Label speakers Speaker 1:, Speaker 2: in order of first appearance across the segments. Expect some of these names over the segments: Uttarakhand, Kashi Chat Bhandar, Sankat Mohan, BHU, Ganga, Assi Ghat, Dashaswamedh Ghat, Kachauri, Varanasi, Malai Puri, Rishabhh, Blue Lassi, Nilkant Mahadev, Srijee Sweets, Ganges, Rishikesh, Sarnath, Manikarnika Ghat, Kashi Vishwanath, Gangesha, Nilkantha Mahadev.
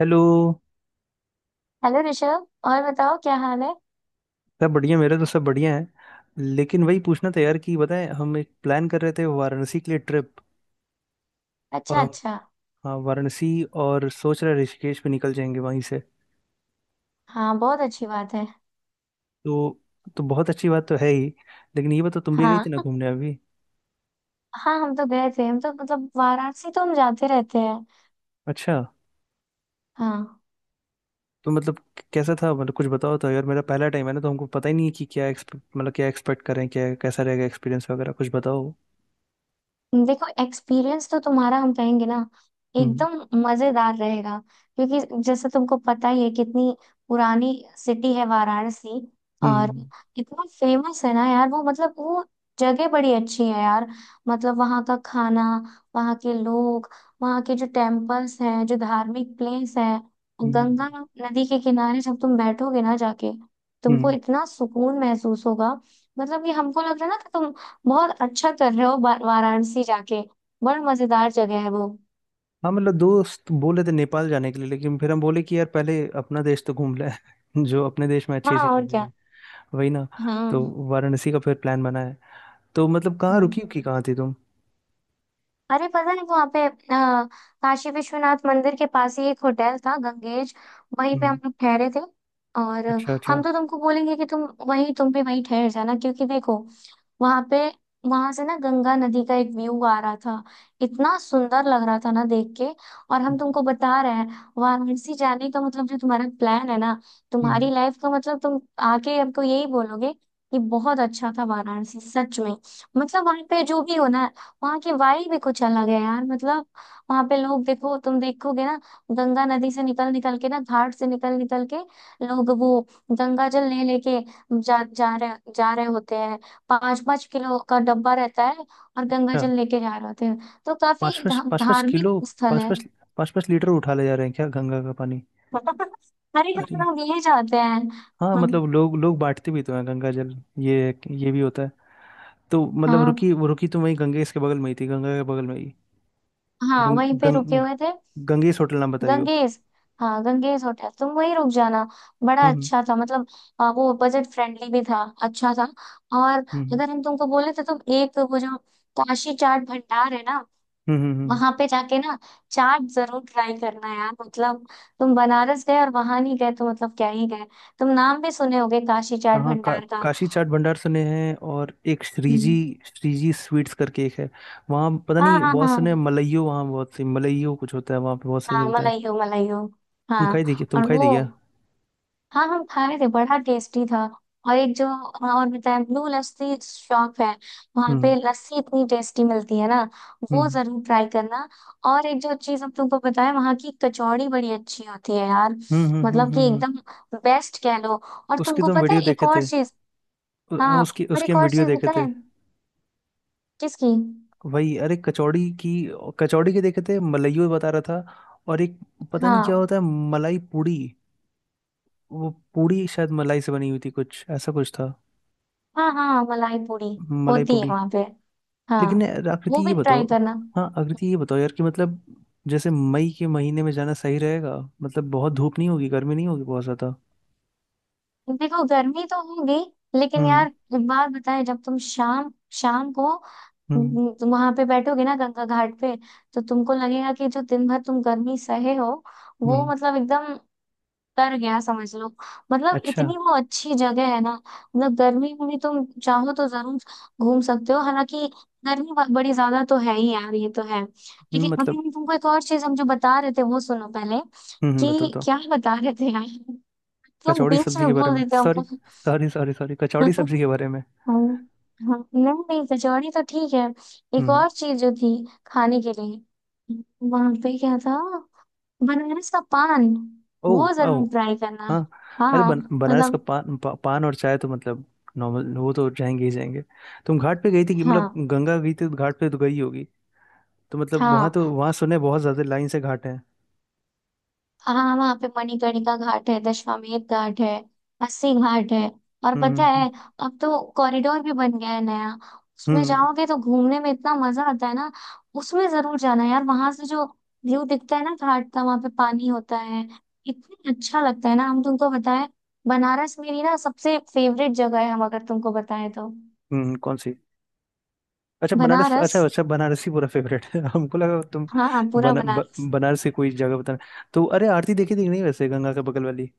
Speaker 1: Hello.
Speaker 2: Hello Rishabh. और बताओ क्या हाल है।
Speaker 1: सब बढ़िया, मेरे तो सब बढ़िया है। लेकिन वही पूछना था यार कि बताएं, हम एक प्लान कर रहे थे वाराणसी के लिए ट्रिप। और
Speaker 2: अच्छा
Speaker 1: हम
Speaker 2: अच्छा।
Speaker 1: हाँ, वाराणसी। और सोच रहे ऋषिकेश पे निकल जाएंगे वहीं से।
Speaker 2: हाँ बहुत अच्छी बात है।
Speaker 1: तो तो बहुत अच्छी बात तो है ही। लेकिन ये बताओ, तुम भी गई थी ना
Speaker 2: हाँ।
Speaker 1: घूमने अभी?
Speaker 2: हाँ, हम तो गए थे हम तो मतलब वाराणसी तो हम जाते रहते हैं।
Speaker 1: अच्छा।
Speaker 2: हाँ।
Speaker 1: तो मतलब कैसा था? मतलब कुछ बताओ तो यार, मेरा पहला टाइम है ना, तो हमको पता ही नहीं है कि क्या एक्सपेक्ट, मतलब क्या एक्सपेक्ट करें, क्या कैसा रहेगा एक्सपीरियंस वगैरह, कुछ बताओ।
Speaker 2: देखो, एक्सपीरियंस तो तुम्हारा हम कहेंगे ना,
Speaker 1: हम्म।
Speaker 2: एकदम मजेदार रहेगा। क्योंकि जैसे तुमको पता ही है, कितनी पुरानी सिटी है वाराणसी। और
Speaker 1: हम्म।
Speaker 2: इतना फेमस है ना यार, वो मतलब वो जगह बड़ी अच्छी है यार। मतलब वहाँ का खाना, वहाँ के लोग, वहाँ के जो टेम्पल्स हैं, जो धार्मिक प्लेस है,
Speaker 1: हम्म।
Speaker 2: गंगा नदी के किनारे जब तुम बैठोगे ना जाके, तुमको
Speaker 1: हम्म।
Speaker 2: इतना सुकून महसूस होगा। मतलब ये हमको लग रहा है ना कि तुम बहुत अच्छा कर रहे हो वाराणसी जाके। बड़ा मजेदार जगह है वो।
Speaker 1: हाँ, मतलब दोस्त बोले थे नेपाल जाने के लिए, लेकिन फिर हम बोले कि यार पहले अपना देश तो घूम ले। जो अपने देश में अच्छी
Speaker 2: हाँ
Speaker 1: अच्छी
Speaker 2: और
Speaker 1: जगह
Speaker 2: क्या।
Speaker 1: है। वही ना।
Speaker 2: हाँ
Speaker 1: तो वाराणसी का फिर प्लान बना है। तो मतलब कहाँ
Speaker 2: हाँ।
Speaker 1: रुकी उकी, कहाँ थी तुम?
Speaker 2: अरे पता है वहाँ पे, काशी विश्वनाथ मंदिर के पास ही एक होटल था गंगेज, वहीं पे
Speaker 1: हम्म।
Speaker 2: हम लोग ठहरे थे। और
Speaker 1: अच्छा अच्छा।
Speaker 2: हम तो तुमको बोलेंगे कि तुम वहीं, तुम भी वहीं ठहर जाना। क्योंकि देखो वहाँ पे, वहां से ना गंगा नदी का एक व्यू आ रहा था, इतना सुंदर लग रहा था ना देख के। और हम
Speaker 1: हम्म,
Speaker 2: तुमको बता रहे हैं वाराणसी जाने का मतलब, जो तुम्हारा प्लान है ना,
Speaker 1: हम्म।
Speaker 2: तुम्हारी लाइफ का मतलब, तुम आके हमको यही बोलोगे कि बहुत अच्छा था वाराणसी सच में। मतलब वहां पे जो भी हो ना, वहाँ की वाइब भी कुछ अलग है यार। मतलब वहां पे लोग, देखो तुम देखोगे ना, गंगा नदी से निकल निकल के ना, घाट से निकल निकल के लोग वो गंगा जल ले लेके जा जा रहे होते हैं। 5 किलो का डब्बा रहता है, और गंगा
Speaker 1: अच्छा,
Speaker 2: जल लेके जा रहे होते हैं। तो
Speaker 1: पाँच
Speaker 2: काफी
Speaker 1: पाँच पाँच पाँच
Speaker 2: धार्मिक
Speaker 1: किलो
Speaker 2: स्थल
Speaker 1: पाँच
Speaker 2: है।
Speaker 1: पाँच पाँच पाँच लीटर उठा ले जा रहे हैं क्या गंगा का पानी?
Speaker 2: हरे हर
Speaker 1: अरे,
Speaker 2: लोग ये जाते हैं।
Speaker 1: हाँ
Speaker 2: हम्म,
Speaker 1: मतलब लोग लोग बांटते भी तो हैं गंगा जल। ये ये भी होता है। तो मतलब
Speaker 2: हाँ,
Speaker 1: रुकी, वो रुकी तो वही गंगेश के बगल में ही थी, गंगा के बगल में ही।
Speaker 2: हाँ
Speaker 1: गंग,
Speaker 2: वहीं पे रुके
Speaker 1: गंग,
Speaker 2: हुए थे।
Speaker 1: गंगेश होटल नाम बताइयो।
Speaker 2: गंगेस। हाँ गंगेस होटल, तुम वहीं रुक जाना। बड़ा
Speaker 1: हम्म,
Speaker 2: अच्छा था मतलब। वो बजट फ्रेंडली भी था, अच्छा था। और
Speaker 1: हम्म
Speaker 2: अगर हम तुमको बोले तो तुम एक वो जो काशी चाट भंडार है ना,
Speaker 1: हम्म हम्म, हम्म।
Speaker 2: वहां पे जाके ना चाट जरूर ट्राई करना यार। मतलब तुम बनारस गए और वहां नहीं गए तो मतलब क्या ही गए। तुम नाम भी सुने होगे काशी चाट
Speaker 1: यहाँ का
Speaker 2: भंडार का।
Speaker 1: काशी चाट भंडार सुने हैं, और एक श्रीजी,
Speaker 2: हम्म।
Speaker 1: स्वीट्स करके एक है। वहाँ पता
Speaker 2: हाँ
Speaker 1: नहीं
Speaker 2: हाँ
Speaker 1: बहुत
Speaker 2: हाँ।
Speaker 1: सुने हैं, मलाइयो। वहाँ बहुत सी मलाइयो कुछ होता है वहाँ पे, बहुत सही
Speaker 2: हाँ,
Speaker 1: मिलता है।
Speaker 2: मलाई हो, मलाई हो। हाँ।
Speaker 1: तुम
Speaker 2: और
Speaker 1: खाई
Speaker 2: वो,
Speaker 1: देखिए।
Speaker 2: हाँ हम खाए थे, बड़ा टेस्टी था। और एक जो, हाँ, और बताया ब्लू लस्सी शॉप है, वहां पे
Speaker 1: हम्म
Speaker 2: लस्सी इतनी टेस्टी मिलती है ना। वो
Speaker 1: हम्म
Speaker 2: जरूर ट्राई करना। और एक जो चीज हम तुमको बताया, वहाँ की कचौड़ी बड़ी अच्छी होती है यार।
Speaker 1: हम्म हम्म हम्म हम्म,
Speaker 2: मतलब
Speaker 1: हम्म।
Speaker 2: कि
Speaker 1: हम्म, हम्म।
Speaker 2: एकदम बेस्ट कह लो। और
Speaker 1: उसकी
Speaker 2: तुमको
Speaker 1: तो हम
Speaker 2: पता है
Speaker 1: वीडियो
Speaker 2: एक
Speaker 1: देखे
Speaker 2: और
Speaker 1: थे।
Speaker 2: चीज।
Speaker 1: उ- हाँ
Speaker 2: हाँ
Speaker 1: उसकी
Speaker 2: और
Speaker 1: उसकी
Speaker 2: एक
Speaker 1: हम
Speaker 2: और
Speaker 1: वीडियो
Speaker 2: चीज
Speaker 1: देखे
Speaker 2: पता
Speaker 1: थे।
Speaker 2: है, किसकी।
Speaker 1: वही, अरे कचौड़ी की। कचौड़ी के देखे थे, मलाइयो बता रहा था। और एक, पता नहीं क्या
Speaker 2: हाँ
Speaker 1: होता है, मलाई पूड़ी। वो पूड़ी शायद मलाई से बनी हुई थी, कुछ ऐसा कुछ था।
Speaker 2: हाँ हाँ, मलाई पूरी
Speaker 1: मलाई
Speaker 2: होती है
Speaker 1: पूड़ी।
Speaker 2: वहां पे। हाँ,
Speaker 1: लेकिन यार आकृति,
Speaker 2: वो
Speaker 1: ये
Speaker 2: भी
Speaker 1: बताओ।
Speaker 2: ट्राई करना।
Speaker 1: हाँ आकृति ये बताओ यार कि मतलब जैसे मई के महीने में जाना सही रहेगा? मतलब बहुत धूप नहीं होगी, गर्मी नहीं होगी बहुत ज्यादा?
Speaker 2: देखो गर्मी तो होगी, लेकिन
Speaker 1: हम्म।
Speaker 2: यार एक बात बताए, जब तुम शाम, शाम को
Speaker 1: हम्म।
Speaker 2: वहां पे बैठोगे ना गंगा घाट पे, तो तुमको लगेगा कि जो दिन भर तुम गर्मी सहे हो, वो
Speaker 1: हम्म।
Speaker 2: मतलब एकदम तर गया समझ लो। मतलब
Speaker 1: अच्छा।
Speaker 2: इतनी वो अच्छी जगह है ना। मतलब गर्मी में भी तुम चाहो तो जरूर घूम सकते हो, हालांकि गर्मी बड़ी ज्यादा तो है ही यार, ये तो है। लेकिन अभी
Speaker 1: मतलब,
Speaker 2: हम तुमको एक और चीज हम जो बता रहे थे, वो सुनो पहले,
Speaker 1: बताओ
Speaker 2: कि
Speaker 1: बताओ।
Speaker 2: क्या बता रहे थे यार। तुम
Speaker 1: कचौड़ी
Speaker 2: बीच
Speaker 1: सब्जी
Speaker 2: में
Speaker 1: के बारे
Speaker 2: बोल
Speaker 1: में।
Speaker 2: देते हो
Speaker 1: सॉरी,
Speaker 2: हमको।
Speaker 1: सॉरी सॉरी सॉरी, कचौड़ी
Speaker 2: हम्म,
Speaker 1: सब्जी के बारे में।
Speaker 2: हाँ नहीं, नहीं कचौड़ी तो ठीक है। एक
Speaker 1: हम्म।
Speaker 2: और चीज जो थी खाने के लिए वहां पे, क्या था? बनारस का पान,
Speaker 1: ओ।
Speaker 2: वो
Speaker 1: ओ।
Speaker 2: जरूर ट्राई करना।
Speaker 1: हाँ। अरे
Speaker 2: हाँ
Speaker 1: बनारस का
Speaker 2: मतलब।
Speaker 1: पान, पान और चाय तो मतलब नॉर्मल, वो तो जाएंगे। तुम घाट पे गई थी कि मतलब
Speaker 2: हाँ
Speaker 1: गंगा गई थी तो घाट पे तो गई होगी। तो मतलब वहां तो,
Speaker 2: हाँ।
Speaker 1: वहां सुने बहुत ज्यादा लाइन से घाट है।
Speaker 2: हाँ वहाँ पे मणिकर्णिका घाट है, दशाश्वमेध घाट है, अस्सी घाट है। और
Speaker 1: हम्म
Speaker 2: पता
Speaker 1: हम्म, हम्म।
Speaker 2: है, अब तो कॉरिडोर भी बन गया है नया। उसमें
Speaker 1: हम्म।
Speaker 2: जाओगे तो घूमने में इतना मजा आता है ना। उसमें जरूर जाना यार। वहां से जो व्यू दिखता है ना घाट का, वहां पे पानी होता है, इतना अच्छा लगता है ना, हम तुमको बताएं। बनारस मेरी ना सबसे फेवरेट जगह है, हम अगर तुमको बताएं तो।
Speaker 1: हम्म, कौन सी? अच्छा, बनारस,
Speaker 2: बनारस।
Speaker 1: अच्छा अच्छा, बनारस ही पूरा फेवरेट है। हमको लगा तुम
Speaker 2: हाँ हाँ, पूरा बनारस।
Speaker 1: बनारस की कोई जगह बताना। तो अरे आरती देखी थी कि नहीं वैसे, गंगा के बगल वाली?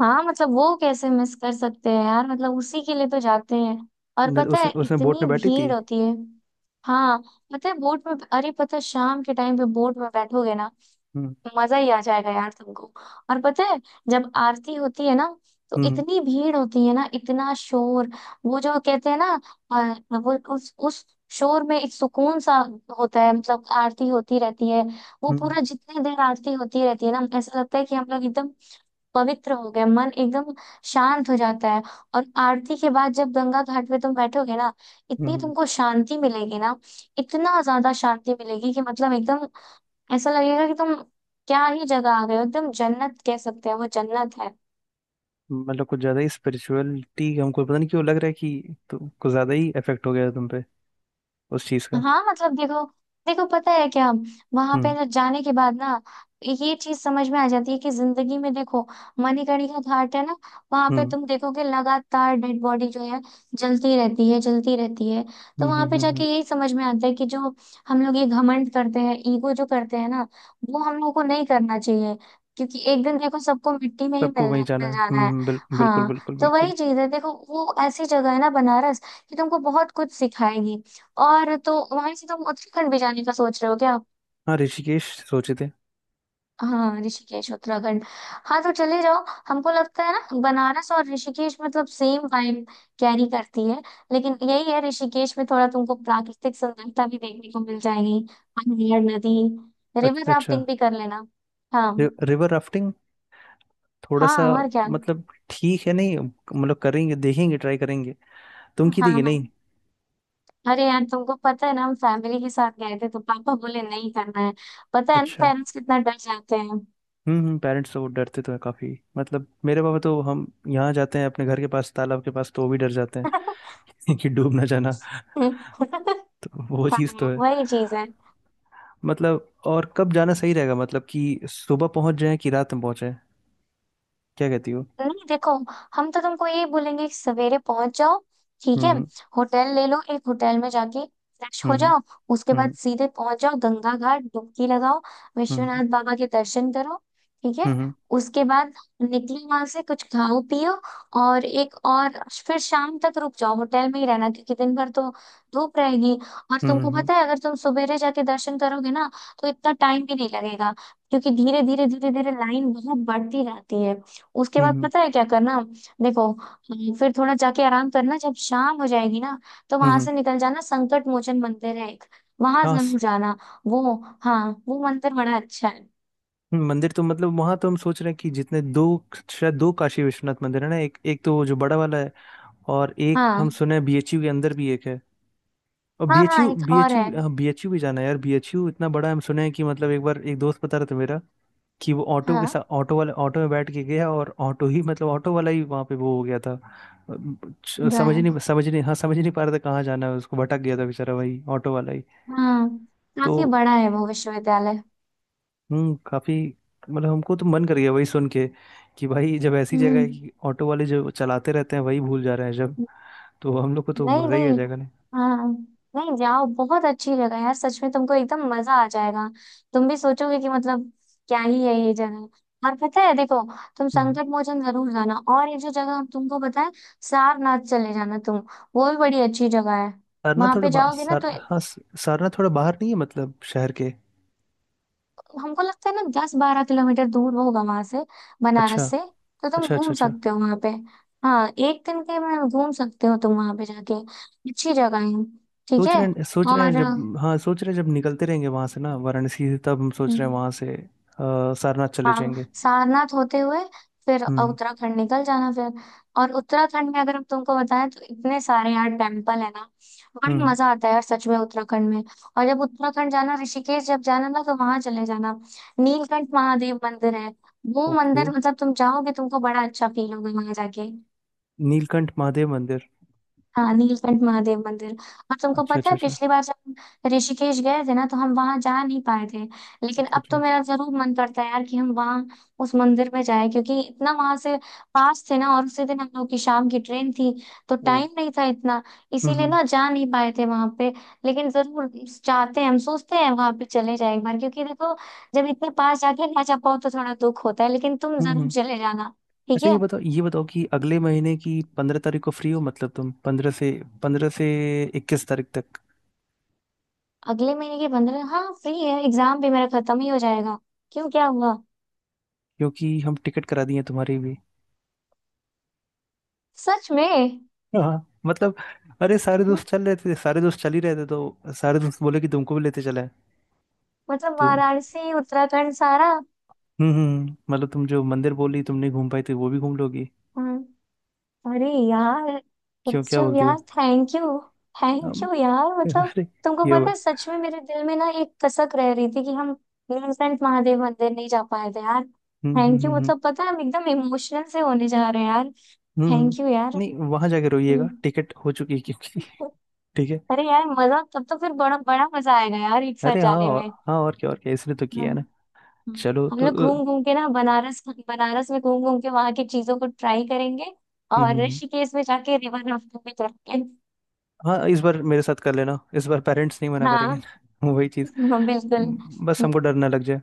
Speaker 2: हाँ मतलब वो कैसे मिस कर सकते हैं यार, मतलब उसी के लिए तो जाते हैं। और
Speaker 1: न,
Speaker 2: पता
Speaker 1: उसने
Speaker 2: है
Speaker 1: उसमें बोट
Speaker 2: इतनी
Speaker 1: में बैठी थी।
Speaker 2: भीड़ होती है। हाँ। पता है बोट में, अरे पता है शाम के टाइम पे बोट में बैठोगे ना,
Speaker 1: हम्म
Speaker 2: मजा ही आ जाएगा यार तुमको। और पता है जब आरती होती है ना, तो
Speaker 1: हम्म
Speaker 2: इतनी भीड़ होती है ना, इतना शोर, वो जो कहते हैं ना, वो उस शोर में एक सुकून सा होता है। मतलब आरती होती रहती है, वो
Speaker 1: हम्म।
Speaker 2: पूरा जितने देर आरती होती रहती है ना, ऐसा लगता है कि हम लोग एकदम पवित्र हो गया मन, एकदम शांत हो जाता है। और आरती के बाद जब गंगा घाट पे तुम बैठोगे ना, इतनी
Speaker 1: हम्म।
Speaker 2: तुमको शांति मिलेगी ना, इतना ज्यादा शांति मिलेगी कि मतलब एकदम ऐसा लगेगा कि तुम क्या ही जगह आ गए हो, एकदम जन्नत कह सकते हैं, वो जन्नत है।
Speaker 1: हम्म। मतलब कुछ ज्यादा ही स्पिरिचुअलिटी, हमको पता नहीं क्यों लग रहा है कि तो कुछ ज्यादा ही इफेक्ट हो गया है तुम पे उस चीज का।
Speaker 2: हाँ मतलब देखो, देखो पता है क्या, वहां पे
Speaker 1: हम्म
Speaker 2: ना जाने के बाद ना ये चीज समझ में आ जाती है कि जिंदगी में देखो, मणिकर्णिका घाट है ना, वहां पे
Speaker 1: हम्म
Speaker 2: तुम देखोगे लगातार डेड बॉडी जो है जलती रहती है, जलती रहती है। तो
Speaker 1: हम्म,
Speaker 2: वहां पे
Speaker 1: हम्म।
Speaker 2: जाके
Speaker 1: हम्म।
Speaker 2: यही समझ में आता है कि जो हम लोग ये घमंड करते हैं, ईगो जो करते हैं ना, वो हम लोगों को नहीं करना चाहिए। क्योंकि एक दिन देखो सबको मिट्टी में ही
Speaker 1: सबको
Speaker 2: मिलना,
Speaker 1: वहीं जाना
Speaker 2: मिल
Speaker 1: है,
Speaker 2: जाना है।
Speaker 1: हम्म, बिल्कुल
Speaker 2: हाँ।
Speaker 1: बिल्कुल
Speaker 2: तो
Speaker 1: बिल्कुल।
Speaker 2: वही चीज है देखो, वो ऐसी जगह है ना बनारस, कि तुमको बहुत कुछ सिखाएगी। और तो वहां से तुम उत्तराखंड भी जाने का सोच रहे हो क्या?
Speaker 1: हाँ, ऋषिकेश सोचे थे।
Speaker 2: हाँ ऋषिकेश उत्तराखंड। हाँ तो चले जाओ। हमको लगता है ना बनारस और ऋषिकेश मतलब सेम वाइब कैरी करती है। लेकिन यही है, ऋषिकेश में थोड़ा तुमको प्राकृतिक सुंदरता भी देखने को मिल जाएगी, पहाड़, नदी, रिवर
Speaker 1: अच्छा अच्छा।
Speaker 2: राफ्टिंग भी कर लेना। हाँ।
Speaker 1: River rafting? थोड़ा
Speaker 2: हाँ
Speaker 1: सा,
Speaker 2: और क्या।
Speaker 1: मतलब ठीक है, नहीं मतलब करेंगे, देखेंगे, ट्राई करेंगे। तुम की
Speaker 2: हाँ
Speaker 1: देगी
Speaker 2: हाँ।
Speaker 1: नहीं।
Speaker 2: अरे यार, तुमको पता है ना, हम फैमिली के साथ गए थे तो पापा बोले नहीं करना है। पता है ना
Speaker 1: अच्छा।
Speaker 2: पेरेंट्स कितना डर जाते हैं।
Speaker 1: हम्म, पेरेंट्स तो वो डरते तो है काफी। मतलब मेरे पापा तो, हम यहाँ जाते हैं अपने घर के पास तालाब के पास, तो वो भी डर जाते हैं कि डूब ना जाना। तो वो चीज़ तो
Speaker 2: हाँ
Speaker 1: है।
Speaker 2: वही चीज है।
Speaker 1: मतलब और कब जाना सही रहेगा? मतलब कि सुबह पहुंच जाए कि रात में पहुंचे, क्या कहती हो?
Speaker 2: नहीं देखो, हम तो तुमको ये बोलेंगे कि सवेरे पहुंच जाओ। ठीक है।
Speaker 1: हम्म।
Speaker 2: होटल ले लो, एक होटल में जाके फ्रेश हो
Speaker 1: हम्म।
Speaker 2: जाओ। उसके बाद
Speaker 1: हम्म।
Speaker 2: सीधे पहुंच जाओ गंगा घाट, डुबकी लगाओ,
Speaker 1: हम्म।
Speaker 2: विश्वनाथ बाबा के दर्शन करो। ठीक
Speaker 1: हम्म।
Speaker 2: है।
Speaker 1: हम्म।
Speaker 2: उसके बाद निकलो वहां से, कुछ खाओ पियो। और एक और, फिर शाम तक रुक जाओ, होटल में ही रहना क्योंकि दिन भर तो धूप रहेगी। और
Speaker 1: हम्म।
Speaker 2: तुमको
Speaker 1: हम्म। हम्म।
Speaker 2: पता है, अगर तुम सवेरे जाके दर्शन करोगे ना, तो इतना टाइम भी नहीं लगेगा, क्योंकि धीरे धीरे धीरे धीरे लाइन बहुत बढ़ती रहती है। उसके बाद
Speaker 1: हम्म।
Speaker 2: पता है क्या करना, देखो, फिर थोड़ा जाके आराम करना। जब शाम हो जाएगी ना, तो
Speaker 1: हम्म,
Speaker 2: वहां
Speaker 1: हम्म,
Speaker 2: से निकल जाना, संकट मोचन मंदिर है एक, वहां
Speaker 1: हाँ।
Speaker 2: जरूर जाना। वो, हाँ वो मंदिर बड़ा अच्छा है।
Speaker 1: मंदिर तो मतलब वहां तो हम सोच रहे हैं कि जितने दो, शायद दो काशी विश्वनाथ मंदिर है ना, एक एक तो वो जो बड़ा वाला है, और एक हम
Speaker 2: हाँ
Speaker 1: सुने हैं बीएचयू के अंदर भी एक है। और
Speaker 2: हाँ, हाँ
Speaker 1: बीएचयू,
Speaker 2: एक और है।
Speaker 1: हाँ बीएचयू भी जाना है यार, बीएचयू इतना बड़ा है। हम सुने हैं कि मतलब एक बार एक दोस्त बता रहा था मेरा, कि वो ऑटो के
Speaker 2: हाँ
Speaker 1: साथ, ऑटो वाले, ऑटो में बैठ के गया और ऑटो ही मतलब ऑटो वाला ही वहां पे वो हो गया था। समझ ही
Speaker 2: गायब।
Speaker 1: नहीं समझ ही नहीं हाँ, समझ ही नहीं पा रहा था कहाँ जाना है उसको, भटक गया था बेचारा वही ऑटो वाला ही।
Speaker 2: हाँ
Speaker 1: तो
Speaker 2: काफी बड़ा है वो विश्वविद्यालय।
Speaker 1: हम्म, काफी। मतलब हमको तो मन कर गया वही सुन के कि भाई, जब ऐसी जगह है
Speaker 2: हम्म।
Speaker 1: कि ऑटो वाले जो चलाते रहते हैं वही भूल जा रहे हैं, जब तो हम लोग को तो
Speaker 2: नहीं
Speaker 1: मजा ही आ
Speaker 2: नहीं।
Speaker 1: जाएगा नहीं।
Speaker 2: हाँ नहीं, जाओ, बहुत अच्छी जगह है यार, सच में तुमको एकदम मजा आ जाएगा। तुम भी सोचोगे कि मतलब क्या ही है ये जगह। और पता है देखो, तुम
Speaker 1: हम्म।
Speaker 2: संकट मोचन जरूर जाना, और ये जो जगह हम तुमको बताए, सारनाथ चले जाना तुम। वो भी बड़ी अच्छी जगह है।
Speaker 1: सारनाथ
Speaker 2: वहां
Speaker 1: थोड़ा
Speaker 2: पे
Speaker 1: बा,
Speaker 2: जाओगे ना
Speaker 1: सार
Speaker 2: तो,
Speaker 1: हाँ सारनाथ थोड़ा बाहर नहीं है मतलब शहर के?
Speaker 2: हमको लगता है ना 10-12 किलोमीटर दूर होगा वहां से,
Speaker 1: अच्छा
Speaker 2: बनारस से। तो तुम
Speaker 1: अच्छा
Speaker 2: घूम
Speaker 1: अच्छा अच्छा।
Speaker 2: सकते हो वहां पे। हाँ एक दिन के में घूम सकते हो तुम वहां पे जाके। अच्छी जगह है। ठीक
Speaker 1: सोच
Speaker 2: है।
Speaker 1: रहे हैं, सोच रहे
Speaker 2: और
Speaker 1: हैं जब हाँ सोच रहे हैं, जब निकलते रहेंगे वहां से ना वाराणसी से, तब हम सोच रहे
Speaker 2: हम्म,
Speaker 1: हैं वहां से सारनाथ चले
Speaker 2: हाँ,
Speaker 1: जाएंगे।
Speaker 2: सारनाथ होते हुए फिर
Speaker 1: हम्म।
Speaker 2: उत्तराखंड निकल जाना फिर। और उत्तराखंड में अगर हम तुमको बताएं तो इतने सारे यार टेम्पल है ना। बड़ी
Speaker 1: हम्म।
Speaker 2: मजा आता है यार सच में उत्तराखंड में। और जब उत्तराखंड जाना, ऋषिकेश जब जाना ना, तो वहां चले जाना, नीलकंठ महादेव मंदिर है। वो
Speaker 1: ओके,
Speaker 2: मंदिर, मतलब तुम जाओगे तुमको बड़ा अच्छा फील होगा वहां जाके।
Speaker 1: नीलकंठ महादेव मंदिर।
Speaker 2: हाँ, नीलकंठ महादेव मंदिर। और तुमको
Speaker 1: अच्छा
Speaker 2: पता
Speaker 1: अच्छा
Speaker 2: है,
Speaker 1: अच्छा
Speaker 2: पिछली बार जब हम ऋषिकेश गए थे ना, तो हम वहां जा नहीं पाए थे। लेकिन
Speaker 1: अच्छा
Speaker 2: अब
Speaker 1: अच्छा।
Speaker 2: तो मेरा जरूर मन करता है यार, कि हम वहाँ उस मंदिर में जाए। क्योंकि इतना वहां से पास थे ना, और उसी दिन हम लोग की शाम की ट्रेन थी, तो
Speaker 1: ओ।
Speaker 2: टाइम नहीं था इतना, इसीलिए
Speaker 1: हम्म।
Speaker 2: ना जा नहीं पाए थे वहां पे। लेकिन जरूर चाहते हैं, हम सोचते हैं वहां पे चले जाए एक बार। क्योंकि देखो, जब इतने पास जाके ना जा पाओ तो थोड़ा दुख होता है, लेकिन तुम जरूर
Speaker 1: हम्म।
Speaker 2: चले जाना। ठीक
Speaker 1: अच्छा ये
Speaker 2: है।
Speaker 1: बताओ, ये बताओ कि अगले महीने की 15 तारीख को फ्री हो? मतलब तुम पंद्रह से 21 तारीख तक।
Speaker 2: अगले महीने के 15, हाँ फ्री है, एग्जाम भी मेरा खत्म ही हो जाएगा। क्यों, क्या हुआ?
Speaker 1: क्योंकि हम टिकट करा दिए हैं तुम्हारी भी।
Speaker 2: सच में?
Speaker 1: हाँ, मतलब अरे सारे
Speaker 2: हम्म,
Speaker 1: दोस्त चल रहे थे सारे दोस्त चल ही रहे थे तो, सारे दोस्त बोले कि तुमको भी लेते चला है।
Speaker 2: मतलब
Speaker 1: तुम
Speaker 2: वाराणसी उत्तराखंड सारा?
Speaker 1: मतलब तुम जो मंदिर बोली तुम नहीं घूम पाई, तो वो भी घूम लोगी।
Speaker 2: हाँ, अरे यार
Speaker 1: क्यों, क्या
Speaker 2: उत्सव
Speaker 1: बोलती हो?
Speaker 2: यार, थैंक यू। थैंक
Speaker 1: हम,
Speaker 2: यू यार, मतलब
Speaker 1: अरे,
Speaker 2: तुमको
Speaker 1: ये
Speaker 2: पता
Speaker 1: हुआ।
Speaker 2: है सच में मेरे दिल में ना एक कसक रह रही थी कि हम नीलकंठ महादेव मंदिर नहीं जा पाए थे यार।
Speaker 1: हम्म हम्म
Speaker 2: थैंक यू,
Speaker 1: हम्म हम्म
Speaker 2: मतलब पता है हम एकदम इमोशनल से होने जा रहे हैं यार।
Speaker 1: हम्म,
Speaker 2: थैंक यू यार।
Speaker 1: नहीं वहां जाके रोइएगा,
Speaker 2: हम्म।
Speaker 1: टिकट हो चुकी है क्योंकि। ठीक है।
Speaker 2: अरे यार, मजा तब तो फिर बड़ा बड़ा मजा आएगा यार एक साथ
Speaker 1: अरे हाँ,
Speaker 2: जाने
Speaker 1: और
Speaker 2: में।
Speaker 1: हाँ और क्या, और क्या, इसने तो किया है
Speaker 2: हम्म।
Speaker 1: ना।
Speaker 2: हम्म,
Speaker 1: चलो
Speaker 2: हम
Speaker 1: तो।
Speaker 2: लोग घूम घूम के ना बनारस, बनारस में घूम घूम के वहां की चीजों को ट्राई करेंगे।
Speaker 1: हम्म
Speaker 2: और
Speaker 1: हम्म, हम्म।
Speaker 2: ऋषिकेश में जाके रिवर राफ्टिंग भी करेंगे।
Speaker 1: हाँ, इस बार मेरे साथ कर लेना, इस बार पेरेंट्स नहीं मना करेंगे
Speaker 2: हाँ।
Speaker 1: ना वही चीज़।
Speaker 2: हाँ बिल्कुल।
Speaker 1: बस हमको डर ना लग जाए।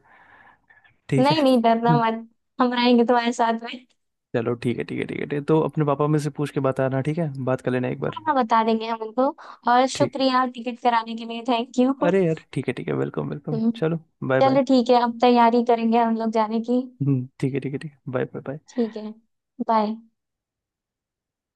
Speaker 1: ठीक
Speaker 2: नहीं
Speaker 1: है।
Speaker 2: नहीं, डरना मत, हम रहेंगे तुम्हारे साथ में।
Speaker 1: चलो, ठीक है ठीक है ठीक है ठीक है। तो अपने पापा में से पूछ के बताना, ठीक है, बात कर लेना एक बार।
Speaker 2: हाँ, बता देंगे हम उनको। और
Speaker 1: ठीक है,
Speaker 2: शुक्रिया टिकट कराने के लिए, थैंक यू।
Speaker 1: अरे यार ठीक है ठीक है, वेलकम वेलकम,
Speaker 2: हम्म,
Speaker 1: चलो। Bye bye.
Speaker 2: चलो ठीक है, अब तैयारी करेंगे हम लोग जाने की।
Speaker 1: हम्म, ठीक है ठीक है ठीक है। Bye bye bye.
Speaker 2: ठीक है। बाय।